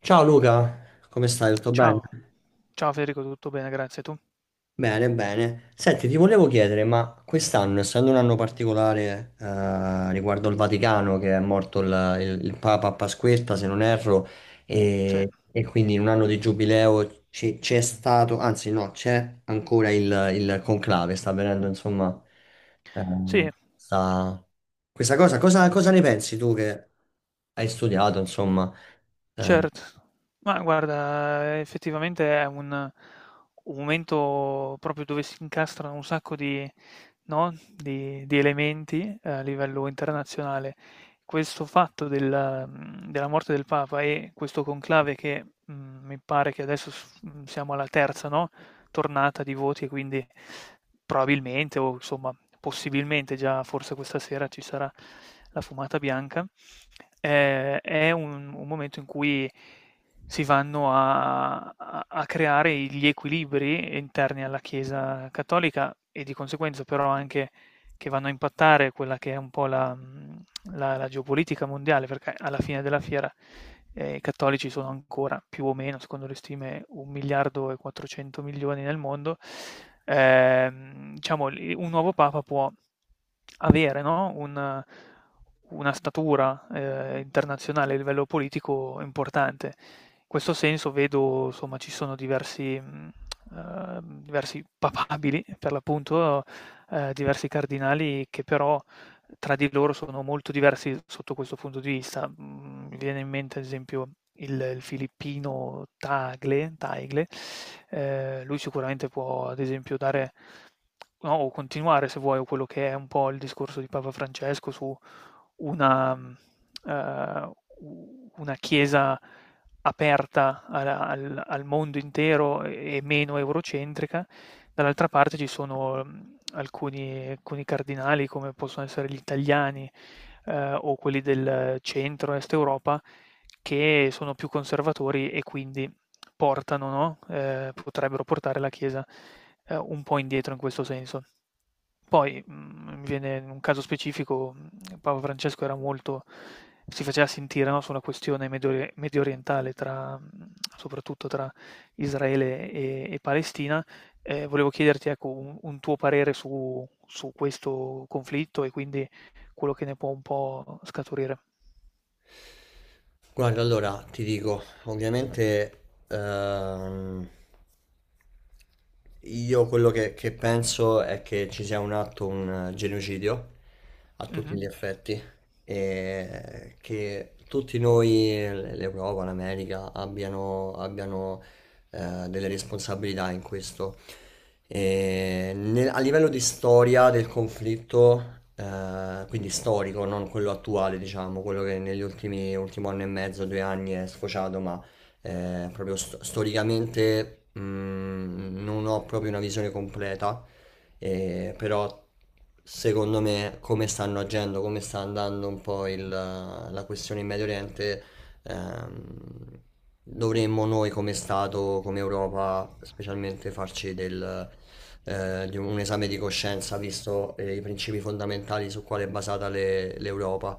Ciao Luca, come stai? Tutto bene? Ciao, ciao Federico, tutto bene, grazie. Tu? Bene, bene. Senti, ti volevo chiedere, ma quest'anno, essendo un anno particolare riguardo il Vaticano, che è morto il Papa a Pasquetta, se non erro, Sì, e quindi in un anno di giubileo c'è stato, anzi no, c'è ancora il conclave, sta avvenendo, insomma, eh, sì, sta- questa cosa ne pensi tu che hai studiato, insomma? eh, certo. Ma guarda, effettivamente è un momento proprio dove si incastrano un sacco di, no, di elementi a livello internazionale. Questo fatto della morte del Papa e questo conclave che mi pare che adesso siamo alla terza, no? Tornata di voti e quindi probabilmente o insomma possibilmente già forse questa sera ci sarà la fumata bianca. Eh, è un momento in cui si vanno a creare gli equilibri interni alla Chiesa cattolica e di conseguenza però anche che vanno a impattare quella che è un po' la, la geopolitica mondiale, perché alla fine della fiera, i cattolici sono ancora, più o meno, secondo le stime, 1.400.000.000 nel mondo. Diciamo il un nuovo papa può avere, no, un una statura internazionale a livello politico importante. In questo senso vedo, insomma, ci sono diversi papabili, per l'appunto, diversi cardinali che però tra di loro sono molto diversi sotto questo punto di vista. Mhmm, Mi viene in mente ad esempio il filippino Tagle, Lui sicuramente può ad esempio dare, no, o continuare, se vuoi, quello che è un po' il discorso di Papa Francesco su una mhmm, ehm, u una Chiesa aperta al mondo intero e meno eurocentrica. Dall'altra parte ci sono alcuni cardinali, come possono essere gli italiani, o quelli del centro-est Europa, che sono più conservatori e quindi portano, no, potrebbero portare la Chiesa un po' indietro in questo senso. Poi, mi viene in un caso specifico: Papa Francesco era molto si faceva sentire, no, su una questione mediorientale tra, soprattutto tra Israele e Palestina. Volevo chiederti, ecco, un tuo parere su questo conflitto e quindi quello che ne può un po' scaturire. Guarda, allora ti dico, ovviamente ehm, io quello che penso è che ci sia un atto, un genocidio a tutti Mh-mh. gli effetti e che tutti noi, l'Europa, l'America, abbiano delle responsabilità in questo. E a livello di storia del conflitto, quindi storico, non quello attuale, diciamo, quello che negli ultimi ultimo anno e mezzo, due anni è sfociato, ma storicamente non ho proprio una visione completa, però secondo me come stanno agendo, come sta andando un po' la questione in Medio Oriente. Ehm, Dovremmo noi come Stato, come Europa, specialmente farci di un esame di coscienza, visto i principi fondamentali su quale è basata l'Europa.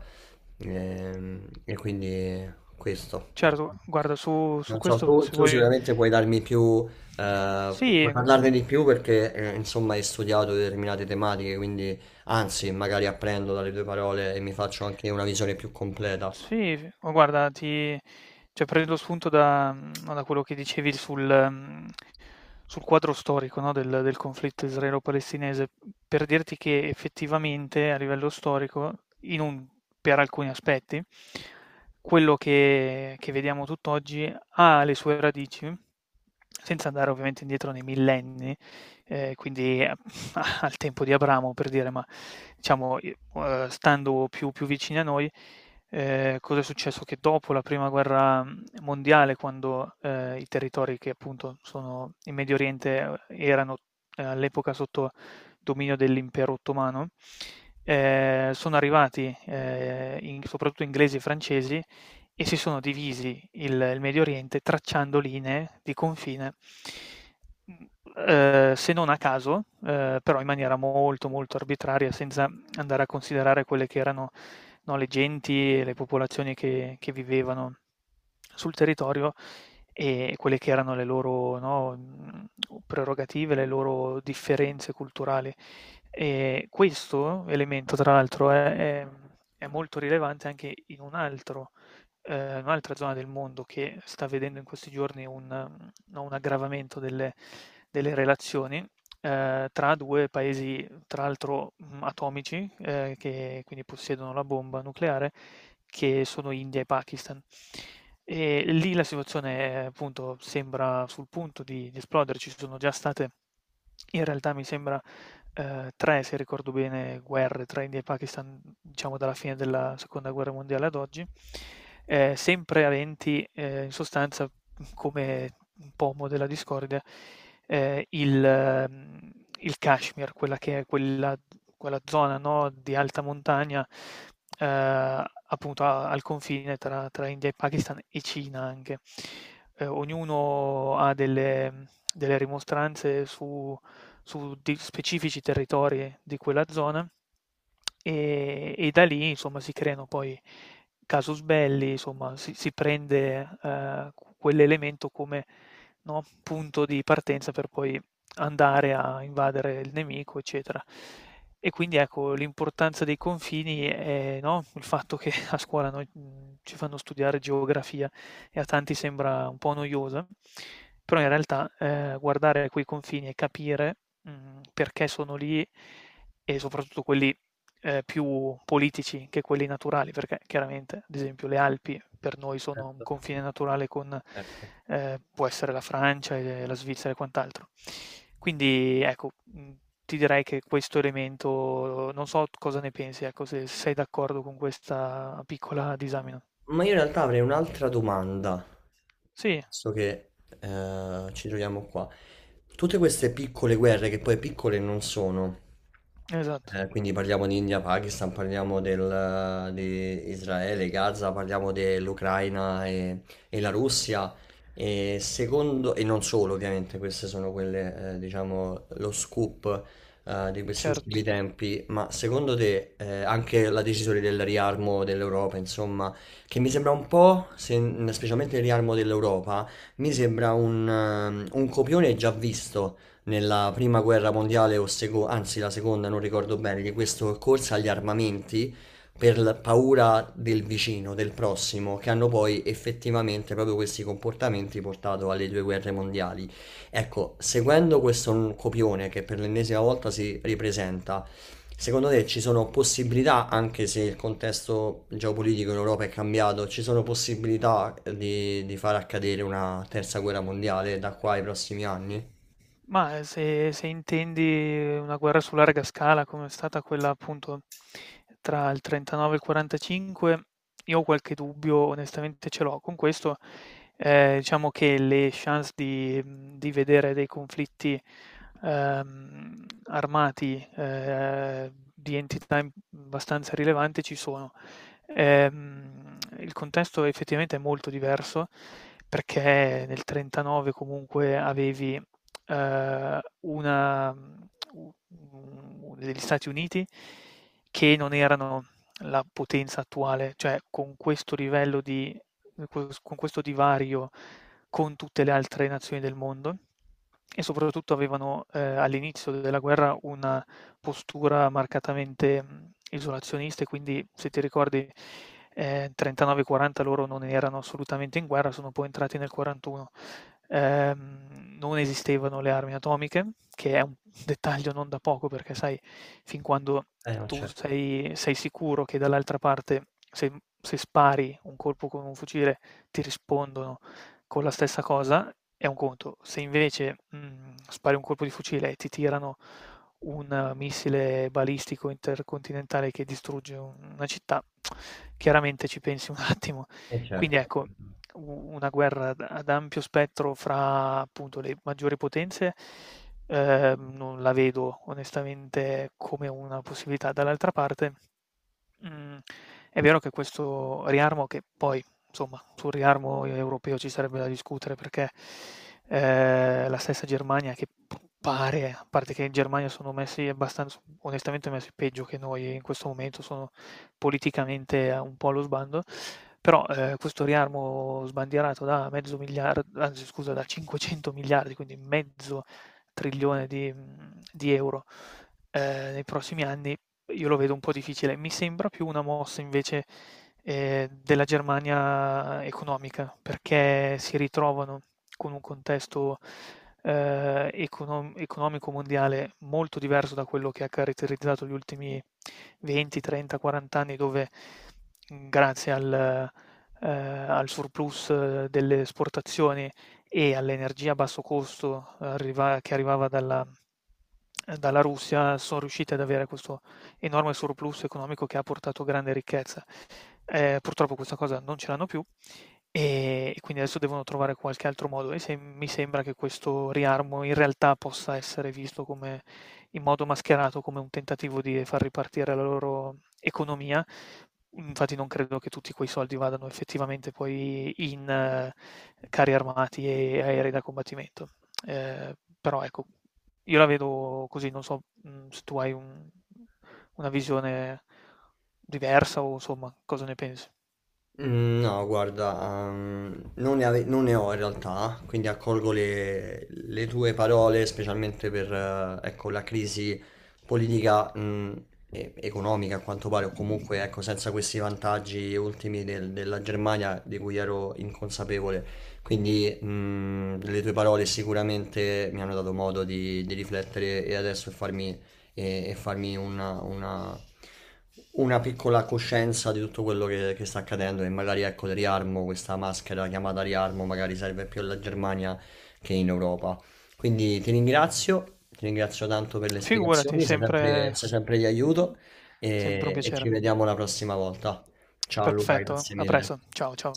E quindi questo. Certo, guarda, su Non so, questo, se tu vuoi... sicuramente puoi darmi più, Sì, puoi gu parlarne di più perché insomma hai studiato determinate tematiche, quindi anzi magari apprendo dalle tue parole e mi faccio anche una visione più completa. Sì, f ma guarda ti cioè, prendo spunto da, no, da quello che dicevi sul, sul quadro storico, no, del conflitto israelo-palestinese, per dirti che effettivamente a livello storico, in un per alcuni aspetti, quello che vediamo tutt'oggi ha le sue radici, senza andare ovviamente indietro nei millenni, quindi a al tempo di Abramo, per dire, ma diciamo, i stando più vicini a noi, cosa è successo? Che dopo la prima guerra mondiale, quando i territori che appunto sono in Medio Oriente erano all'epoca sotto dominio dell'Impero Ottomano, sono arrivati, in soprattutto, inglesi e francesi, e si sono divisi il Medio Oriente tracciando linee di confine, mhmm, se non a caso, però in maniera molto, molto arbitraria, senza andare a considerare quelle che erano, no, le genti e le popolazioni che vivevano sul territorio, e quelle che erano le loro, no, prerogative, le loro differenze culturali. Questo elemento tra l'altro è è molto rilevante anche in un altro... un'altra zona del mondo che sta vedendo in questi giorni un, no, un aggravamento delle relazioni tra 2 paesi, tra l'altro, atomici, che quindi possiedono la bomba nucleare, che sono India e Pakistan. E lì la situazione, appunto, sembra sul punto di esplodere. Ci sono già state, in realtà mi sembra, 3, se ricordo bene, guerre tra India e Pakistan, diciamo dalla fine della seconda guerra mondiale ad oggi, sempre aventi, in sostanza, come un pomo della discordia, ehm, il mhmm, il Kashmir, quella che è quella, zona, no, di alta montagna, appunto a al confine tra India e Pakistan e Cina anche. Ognuno ha delle rimostranze su di specifici territori di quella zona, e da lì, insomma, si creano poi casus belli. Insomma, si prende, q quell'elemento come, no, punto di partenza, per poi andare a invadere il nemico, eccetera. E quindi, ecco l'importanza dei confini e, no, il fatto che a scuola noi, ci fanno studiare geografia e a tanti sembra un po' noiosa, però in realtà, guardare quei confini e capire, perché sono lì, e soprattutto quelli, più politici che quelli naturali, perché chiaramente, ad esempio, le Alpi per noi sono un confine naturale con, Certo. Può essere, la Francia e la Svizzera e quant'altro. Quindi, ecco, ti direi che questo elemento... non so cosa ne pensi, ecco, se sei d'accordo con questa piccola disamina. Ma io in realtà avrei un'altra domanda, Sì, visto che ci troviamo qua. Tutte queste piccole guerre, che poi piccole non sono, esatto, quindi parliamo di India, Pakistan, parliamo di Israele, Gaza, parliamo dell'Ucraina e la Russia, e secondo, e non solo ovviamente, queste sono quelle, diciamo, lo scoop di questi certo. ultimi tempi, ma secondo te anche la decisione del riarmo dell'Europa, insomma, che mi sembra un po', specialmente il riarmo dell'Europa, mi sembra un copione già visto nella prima guerra mondiale o anzi la seconda, non ricordo bene, di questo corsa agli armamenti per la paura del vicino, del prossimo, che hanno poi effettivamente proprio questi comportamenti portato alle due guerre mondiali. Ecco, seguendo questo copione che per l'ennesima volta si ripresenta, secondo te ci sono possibilità, anche se il contesto geopolitico in Europa è cambiato, ci sono possibilità di far accadere una terza guerra mondiale da qua ai prossimi anni? Mah, se intendi una guerra su larga scala come è stata quella, appunto, tra il '39 e il '45, io ho qualche dubbio, onestamente ce l'ho. Con questo, diciamo che le chance di vedere dei conflitti, armati, di entità im abbastanza rilevante, ci sono. Il contesto effettivamente è molto diverso, perché nel '39 comunque avevi, una mhmm, u u degli Stati Uniti che non erano la potenza attuale, cioè con questo livello di con questo divario con tutte le altre nazioni del mondo, e soprattutto avevano, all'inizio della guerra, una postura marcatamente, isolazionista, e quindi, se ti ricordi, 39, 40 loro non erano assolutamente in guerra, sono poi entrati nel 41. Non esistevano le armi atomiche, che è un dettaglio non da poco, perché sai, fin quando Eh no, tu certo, sei sicuro che dall'altra parte, se se spari un colpo con un fucile, ti rispondono con la stessa cosa, è un conto. Se invece, spari un colpo di fucile e ti tirano un missile balistico intercontinentale che distrugge una città, chiaramente ci pensi un attimo. Quindi, certo. ecco, u una guerra ad ampio spettro, fra appunto le maggiori potenze, non la vedo, onestamente, come una possibilità. Dall'altra parte, Mhmm, è vero che questo riarmo... che poi, insomma, sul riarmo europeo ci sarebbe da discutere, perché, la stessa Germania, che p pare... a parte che in Germania sono messi, abbastanz onestamente, messi peggio che noi in questo momento, sono politicamente a un po' allo sbando, però, questo riarmo sbandierato da mezzo miliar anzi scusa, da 500 miliardi, quindi mezzo trilione di euro, nei prossimi anni, io lo vedo un po' difficile. Mi sembra più una mossa, invece, della Germania economica, perché si ritrovano con un contesto, economico mondiale, molto diverso da quello che ha caratterizzato gli ultimi 20, 30, 40 anni, dove, grazie al surplus, delle esportazioni e all'energia a basso costo arriva che arrivava dalla Russia, son riusciti ad avere questo enorme surplus economico, che ha portato grande ricchezza. Purtroppo, questa cosa non ce l'hanno più, e quindi adesso devono trovare qualche altro modo, e mi sembra che questo riarmo in realtà possa essere visto come, in modo mascherato, come un tentativo di far ripartire la loro economia. Infatti, non credo che tutti quei soldi vadano effettivamente poi in, carri armati e aerei da combattimento. Eh, Però, ecco, io la vedo così. Non so, se tu hai un una visione diversa, o, insomma, cosa ne pensi. No, guarda, non non ne ho in realtà, quindi accolgo le tue parole, specialmente per ecco, la crisi politica economica, a quanto pare, o comunque ecco, senza questi vantaggi ultimi della Germania di cui ero inconsapevole. Quindi le tue parole sicuramente mi hanno dato modo di riflettere e adesso farmi e farmi una piccola coscienza di tutto quello che sta accadendo e magari ecco il riarmo, questa maschera chiamata riarmo, magari serve più alla Germania che in Europa. Quindi ti ringrazio tanto per le Figurati, spiegazioni, sei sempre di aiuto sempre un e piacere. ci vediamo la prossima volta. Ciao Luca, Perfetto, grazie a mille. presto. Ciao, ciao.